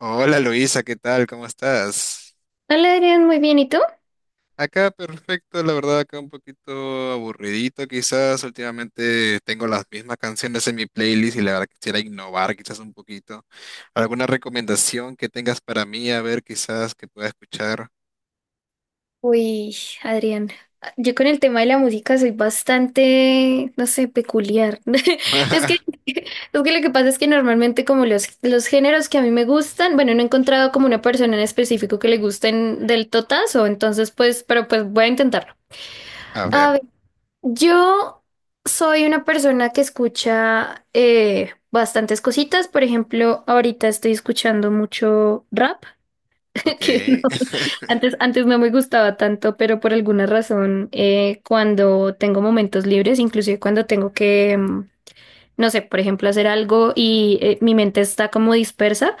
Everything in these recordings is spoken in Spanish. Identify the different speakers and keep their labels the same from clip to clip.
Speaker 1: Hola Luisa, ¿qué tal? ¿Cómo estás?
Speaker 2: Hola Adrián, muy bien, ¿y tú?
Speaker 1: Acá perfecto, la verdad, acá un poquito aburridito quizás. Últimamente tengo las mismas canciones en mi playlist y la verdad quisiera innovar quizás un poquito. ¿Alguna recomendación que tengas para mí? A ver, quizás que pueda escuchar.
Speaker 2: Uy, Adrián, yo con el tema de la música soy bastante, no sé, peculiar. Es que, es que lo que pasa es que normalmente como los géneros que a mí me gustan, bueno, no he encontrado como una persona en específico que le gusten del totazo, entonces pues, pero pues voy a intentarlo.
Speaker 1: A ver,
Speaker 2: A ver, yo soy una persona que escucha bastantes cositas, por ejemplo, ahorita estoy escuchando mucho rap.
Speaker 1: ok.
Speaker 2: Que no, antes no me gustaba tanto, pero por alguna razón, cuando tengo momentos libres, inclusive cuando tengo que, no sé, por ejemplo, hacer algo y mi mente está como dispersa,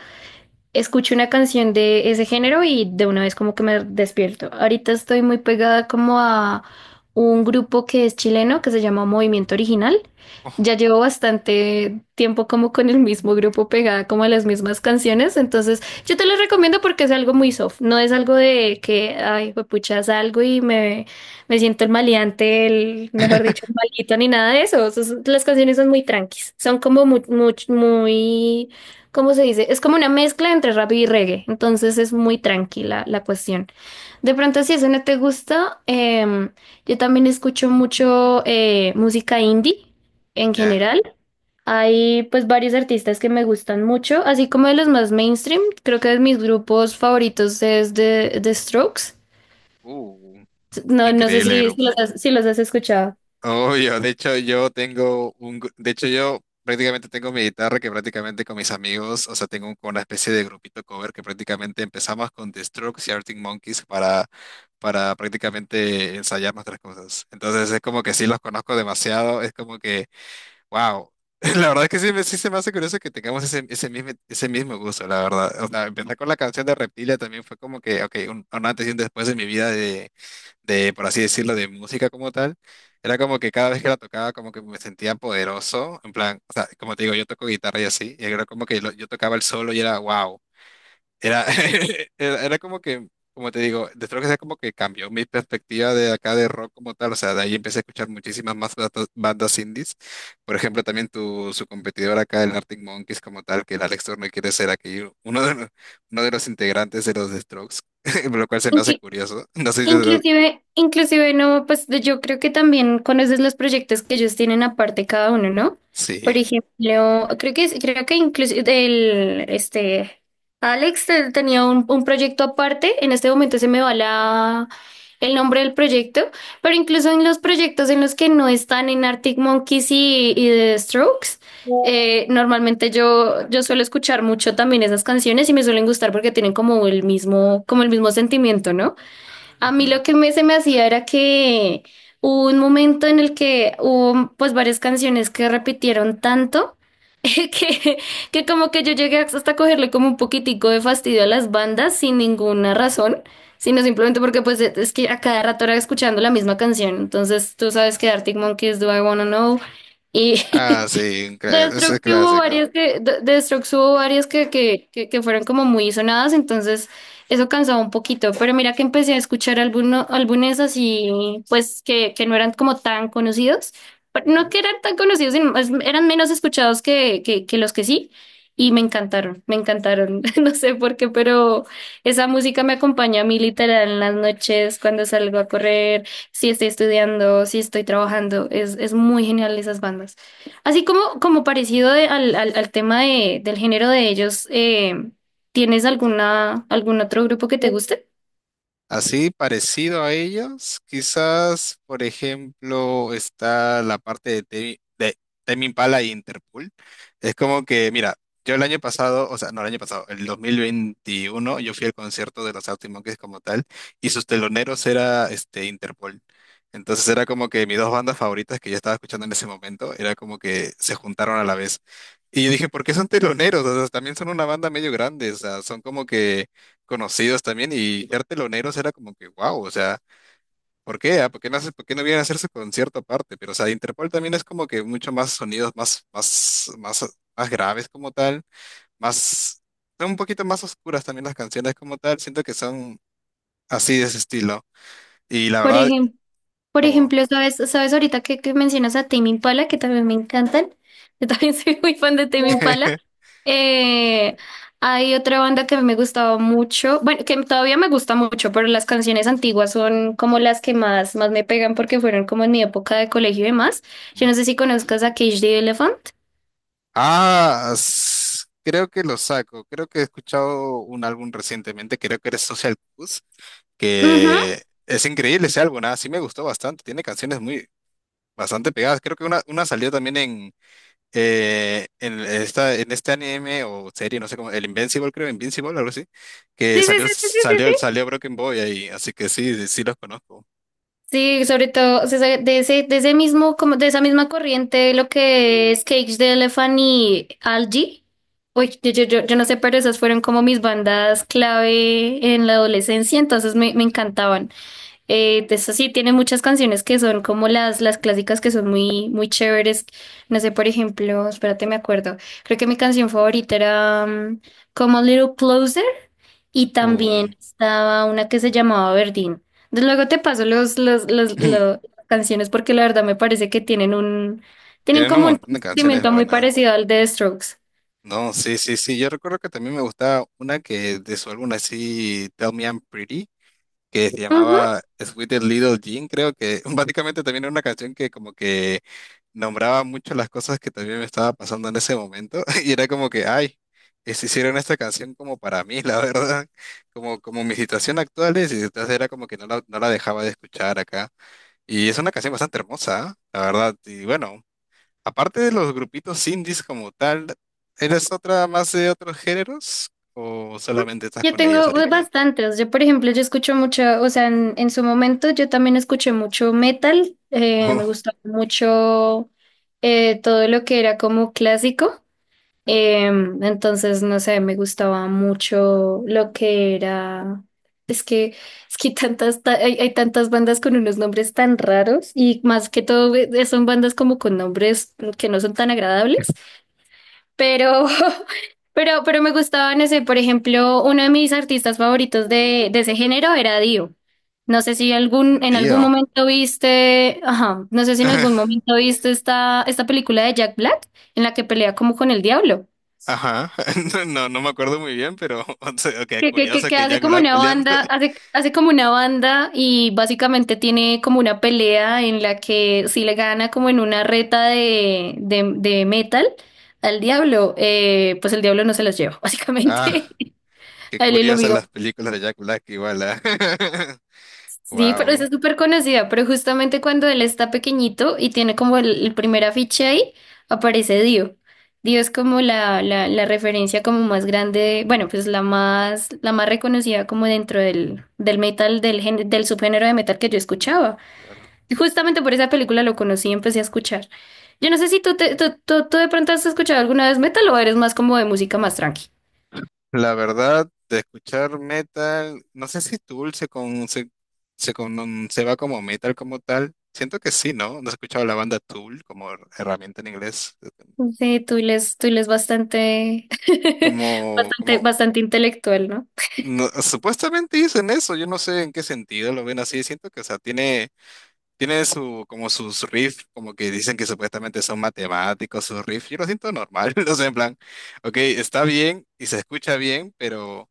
Speaker 2: escucho una canción de ese género y de una vez como que me despierto. Ahorita estoy muy pegada como a un grupo que es chileno que se llama Movimiento Original.
Speaker 1: Oh.
Speaker 2: Ya llevo bastante tiempo como con el mismo grupo pegada como a las mismas canciones, entonces yo te lo recomiendo porque es algo muy soft, no es algo de que, ay, pucha, salgo y me siento el maleante, el, mejor dicho, el maldito, ni nada de eso. Las canciones son muy tranquis, son como muy, muy, muy… ¿Cómo se dice? Es como una mezcla entre rap y reggae, entonces es muy tranquila la cuestión. De pronto, si eso no te gusta, yo también escucho mucho música indie en
Speaker 1: Ya.
Speaker 2: general. Hay pues varios artistas que me gustan mucho, así como de los más mainstream. Creo que de mis grupos favoritos es The Strokes.
Speaker 1: Uh,
Speaker 2: No, no sé
Speaker 1: increíble
Speaker 2: si los
Speaker 1: grupo.
Speaker 2: has, si los has escuchado.
Speaker 1: Obvio, de hecho yo tengo un, de hecho yo prácticamente tengo mi guitarra que prácticamente con mis amigos, o sea, como una especie de grupito cover que prácticamente empezamos con The Strokes y Arctic Monkeys para prácticamente ensayar nuestras cosas. Entonces es como que sí los conozco demasiado, es como que wow. La verdad es que sí, sí se me hace curioso que tengamos ese, ese mismo gusto, la verdad. O sea, empezar con la canción de Reptilia también fue como que ok, un antes y un después en mi vida de, por así decirlo, de música como tal. Era como que cada vez que la tocaba, como que me sentía poderoso. En plan, o sea, como te digo, yo toco guitarra y así. Y era como que yo tocaba el solo y era wow. Era, era, era como que, como te digo, de que sea como que cambió mi perspectiva de acá de rock como tal. O sea, de ahí empecé a escuchar muchísimas más bandas, bandas indies. Por ejemplo, también su competidor acá, el Arctic Monkeys como tal, que el Alex Turner quiere ser aquí uno de los integrantes de los The Strokes, lo cual se me hace curioso. No sé si...
Speaker 2: Inclusive no, pues yo creo que también conoces los proyectos que ellos tienen aparte cada uno, ¿no? Por
Speaker 1: Sí.
Speaker 2: ejemplo, creo que incluso el este Alex tenía un proyecto aparte, en este momento se me va la el nombre del proyecto, pero incluso en los proyectos en los que no están en Arctic Monkeys y The Strokes, normalmente yo suelo escuchar mucho también esas canciones y me suelen gustar porque tienen como el mismo sentimiento, ¿no? A mí
Speaker 1: Ujú.
Speaker 2: lo que se me hacía era que hubo un momento en el que hubo pues varias canciones que repitieron tanto que, que como que yo llegué hasta cogerle como un poquitico de fastidio a las bandas sin ninguna razón, sino simplemente porque pues es que a cada rato era escuchando la misma canción. Entonces tú sabes que Arctic Monkeys, Do I Wanna Know?
Speaker 1: Ah,
Speaker 2: Y
Speaker 1: sí, un
Speaker 2: de
Speaker 1: ese es
Speaker 2: Strokes sí hubo
Speaker 1: clásico.
Speaker 2: varias que, de Strokes hubo varias que fueron como muy sonadas, entonces eso cansaba un poquito. Pero mira que empecé a escuchar algunos álbumes así, pues que no eran como tan conocidos. Pero no que eran tan conocidos, sino eran menos escuchados que los que sí. Y me encantaron, me encantaron. No sé por qué, pero esa música me acompaña a mí literal en las noches, cuando salgo a correr, si estoy estudiando, si estoy trabajando. Es muy genial esas bandas. Así como, como parecido al tema de, del género de ellos, ¿tienes alguna, algún otro grupo que te guste?
Speaker 1: Así parecido a ellos, quizás, por ejemplo, está la parte de Tame Impala y Interpol. Es como que, mira, yo el año pasado, o sea, no el año pasado, el 2021, yo fui al concierto de los Arctic Monkeys como tal, y sus teloneros era este Interpol. Entonces era como que mis dos bandas favoritas que yo estaba escuchando en ese momento, era como que se juntaron a la vez. Y yo dije, ¿por qué son teloneros? O sea, también son una banda medio grande, o sea, son como que conocidos también y ser teloneros era como que wow, o sea, ¿por qué? ¿ah? ¿Por qué no haces, por qué no vienen a hacer su concierto aparte? Pero, o sea, Interpol también es como que mucho más sonidos más, más graves como tal, más, son un poquito más oscuras también las canciones como tal, siento que son así de ese estilo. Y la
Speaker 2: Por
Speaker 1: verdad,
Speaker 2: ejemplo, por
Speaker 1: como,
Speaker 2: ejemplo, sabes ahorita que mencionas a Tame Impala, que también me encantan. Yo también soy muy fan de Tame Impala. Eh, hay otra banda que a mí me gustaba mucho, bueno, que todavía me gusta mucho, pero las canciones antiguas son como las que más me pegan porque fueron como en mi época de colegio y demás. Yo no sé si conozcas a Cage the Elephant.
Speaker 1: ah, creo que lo saco, creo que he escuchado un álbum recientemente, creo que era Social Blues,
Speaker 2: Ujú.
Speaker 1: que... Es increíble ese álbum, ah, sí me gustó bastante, tiene canciones muy, bastante pegadas. Creo que una salió también en, esta, en este anime o serie, no sé cómo, el Invincible, creo, Invincible, algo así, que
Speaker 2: Sí, sí, sí, sí, sí, sí. sí.
Speaker 1: salió Broken Boy ahí, así que sí, sí los conozco.
Speaker 2: Sí, sobre todo o sea, de ese mismo, como de esa misma corriente, lo que es Cage the Elephant y Algie. Uy, yo no sé, pero esas fueron como mis bandas clave en la adolescencia, entonces me encantaban. De eso sí, tiene muchas canciones que son como las clásicas que son muy, muy chéveres. No sé, por ejemplo, espérate, me acuerdo. Creo que mi canción favorita era Come a Little Closer. Y
Speaker 1: Uh,
Speaker 2: también estaba una que se llamaba Verdín. Luego te paso las canciones porque la verdad me parece que tienen un, tienen
Speaker 1: tienen un
Speaker 2: como un
Speaker 1: montón de canciones
Speaker 2: sentimiento muy
Speaker 1: buenas.
Speaker 2: parecido al de Strokes.
Speaker 1: No, sí, sí, sí. Yo recuerdo que también me gustaba una que de su álbum así, Tell Me I'm Pretty, que se
Speaker 2: Ujú.
Speaker 1: llamaba Sweet Little Jean, creo que básicamente también era una canción que como que nombraba mucho las cosas que también me estaba pasando en ese momento y era como que ay, hicieron esta canción como para mí, la verdad, como, como mi situación actual es y entonces era como que no la, no la dejaba de escuchar acá. Y es una canción bastante hermosa, ¿ah? La verdad. Y bueno, aparte de los grupitos indies como tal, ¿eres otra más de otros géneros o solamente estás
Speaker 2: Yo
Speaker 1: con ellos
Speaker 2: tengo pues,
Speaker 1: ahorita?
Speaker 2: bastantes. Yo, por ejemplo, yo escucho mucho, o sea, en su momento yo también escuché mucho metal. Eh, me
Speaker 1: Oh.
Speaker 2: gustaba mucho todo lo que era como clásico. Em, entonces, no sé, me gustaba mucho lo que era. Es que, es que hay tantas, hay, hay tantas bandas con unos nombres tan raros y más que todo son bandas como con nombres que no son tan agradables, pero, pero me gustaban ese. Por ejemplo, uno de mis artistas favoritos de ese género era Dio. No sé si algún, en algún
Speaker 1: Dio.
Speaker 2: momento viste, ajá, no sé si en algún momento viste esta película de Jack Black en la que pelea como con el diablo.
Speaker 1: Ajá, no, no me acuerdo muy bien, pero o sea, ok,
Speaker 2: Que, que, que,
Speaker 1: curioso
Speaker 2: que
Speaker 1: que
Speaker 2: hace
Speaker 1: Jack
Speaker 2: como
Speaker 1: Black
Speaker 2: una
Speaker 1: peleando.
Speaker 2: banda, hace como una banda y básicamente tiene como una pelea en la que si le gana como en una reta de metal al diablo, pues el diablo no se las lleva,
Speaker 1: Ah,
Speaker 2: básicamente.
Speaker 1: qué
Speaker 2: A él y lo
Speaker 1: curiosas las películas de Jack Black igual.
Speaker 2: Sí, pero esa
Speaker 1: Wow.
Speaker 2: es súper conocida, pero justamente cuando él está pequeñito y tiene como el primer afiche ahí, aparece Dio. Dio es como la referencia como más grande, bueno, pues la más reconocida como dentro del, del metal, del subgénero de metal que yo escuchaba.
Speaker 1: Claro.
Speaker 2: Y justamente por esa película lo conocí y empecé a escuchar. Yo no sé si tú, te- tú de pronto has escuchado alguna vez metal o eres más como de música más tranqui.
Speaker 1: La verdad, de escuchar metal, no sé si Tool se va como metal como tal. Siento que sí, ¿no? No he escuchado la banda Tool como herramienta en inglés.
Speaker 2: Sí, tú les bastante,
Speaker 1: Como, como,
Speaker 2: bastante intelectual, ¿no?
Speaker 1: no, supuestamente dicen eso, yo no sé en qué sentido lo ven así. Siento que, o sea, tiene tiene su, como sus riff, como que dicen que supuestamente son matemáticos sus riff. Yo lo siento normal, no sé, en plan, ok, está bien y se escucha bien, pero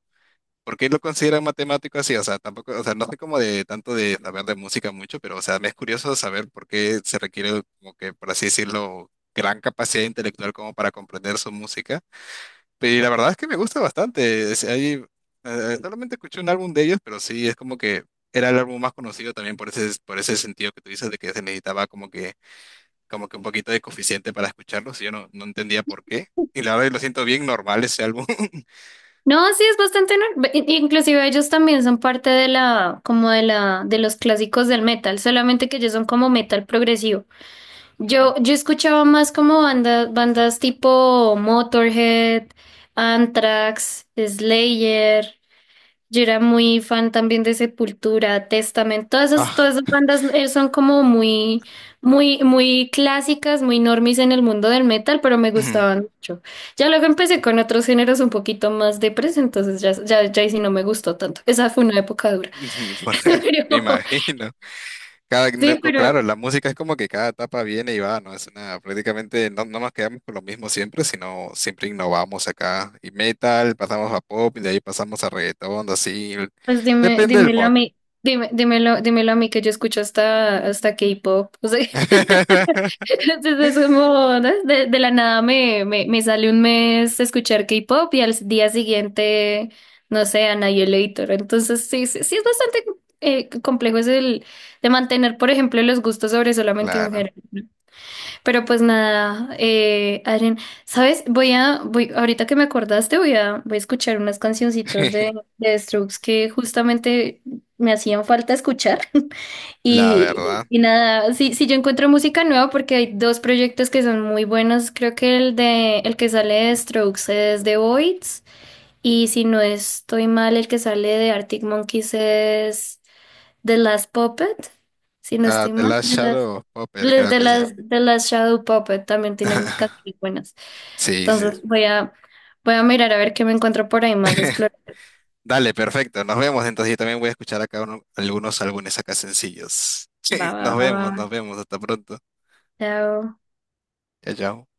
Speaker 1: ¿por qué lo consideran matemático así? O sea, tampoco, o sea, no sé como de tanto de saber de música mucho, pero o sea, me es curioso saber por qué se requiere como que, por así decirlo, gran capacidad intelectual como para comprender su música. Y la verdad es que me gusta bastante. Solamente escuché un álbum de ellos, pero sí, es como que era el álbum más conocido también por ese sentido que tú dices de que se necesitaba como que un poquito de coeficiente para escucharlos y yo no, no entendía por qué. Y la verdad lo siento bien normal ese álbum.
Speaker 2: No, sí, es bastante normal. Inclusive ellos también son parte de la, como de la, de los clásicos del metal, solamente que ellos son como metal progresivo.
Speaker 1: Ujú.
Speaker 2: Yo escuchaba más como bandas tipo Motorhead, Anthrax, Slayer. Yo era muy fan también de Sepultura, Testament,
Speaker 1: Ah.
Speaker 2: todas esas bandas son como muy clásicas, muy normis en el mundo del metal, pero me gustaban mucho. Ya luego empecé con otros géneros un poquito más depres, entonces ya ahí sí no me gustó tanto. Esa fue una época dura.
Speaker 1: Ujú. Me
Speaker 2: Pero,
Speaker 1: imagino. Cada,
Speaker 2: sí,
Speaker 1: no, claro,
Speaker 2: pero
Speaker 1: la música es como que cada etapa viene y va, ¿no? Es una, prácticamente no, no nos quedamos con lo mismo siempre, sino siempre innovamos acá. Y metal, pasamos a pop, y de ahí pasamos a reggaetón, así.
Speaker 2: pues dime,
Speaker 1: Depende del
Speaker 2: dímelo a
Speaker 1: mod.
Speaker 2: mí, dímelo a mí que yo escucho hasta K-pop. O sea, entonces es como, ¿no? De la nada me sale un mes escuchar K-pop y al día siguiente, no sé, Annihilator. Entonces sí es bastante complejo es el de mantener, por ejemplo, los gustos sobre solamente un
Speaker 1: Claro.
Speaker 2: género. Pero pues nada, Adrián, ¿sabes? Ahorita que me acordaste, voy a escuchar unas cancioncitas de Strokes que justamente me hacían falta escuchar.
Speaker 1: La
Speaker 2: Y,
Speaker 1: verdad.
Speaker 2: y nada, si yo encuentro música nueva, porque hay dos proyectos que son muy buenos, creo que el de el que sale de Strokes es The Voids, y si no estoy mal, el que sale de Arctic Monkeys es The Last Puppet, si no
Speaker 1: Ah,
Speaker 2: estoy
Speaker 1: The
Speaker 2: mal,
Speaker 1: Last
Speaker 2: de las
Speaker 1: Shadow of Puppet,
Speaker 2: les-
Speaker 1: creo que sí.
Speaker 2: de las Shadow Puppet también tienen canciones buenas.
Speaker 1: Sí, sí.
Speaker 2: Entonces voy a mirar a ver qué me encuentro por ahí más explorar.
Speaker 1: Dale, perfecto. Nos vemos. Entonces yo también voy a escuchar acá algunos álbumes acá sencillos. Sí, nos vemos, nos
Speaker 2: Va.
Speaker 1: vemos. Hasta pronto.
Speaker 2: Chao.
Speaker 1: Chao, chao.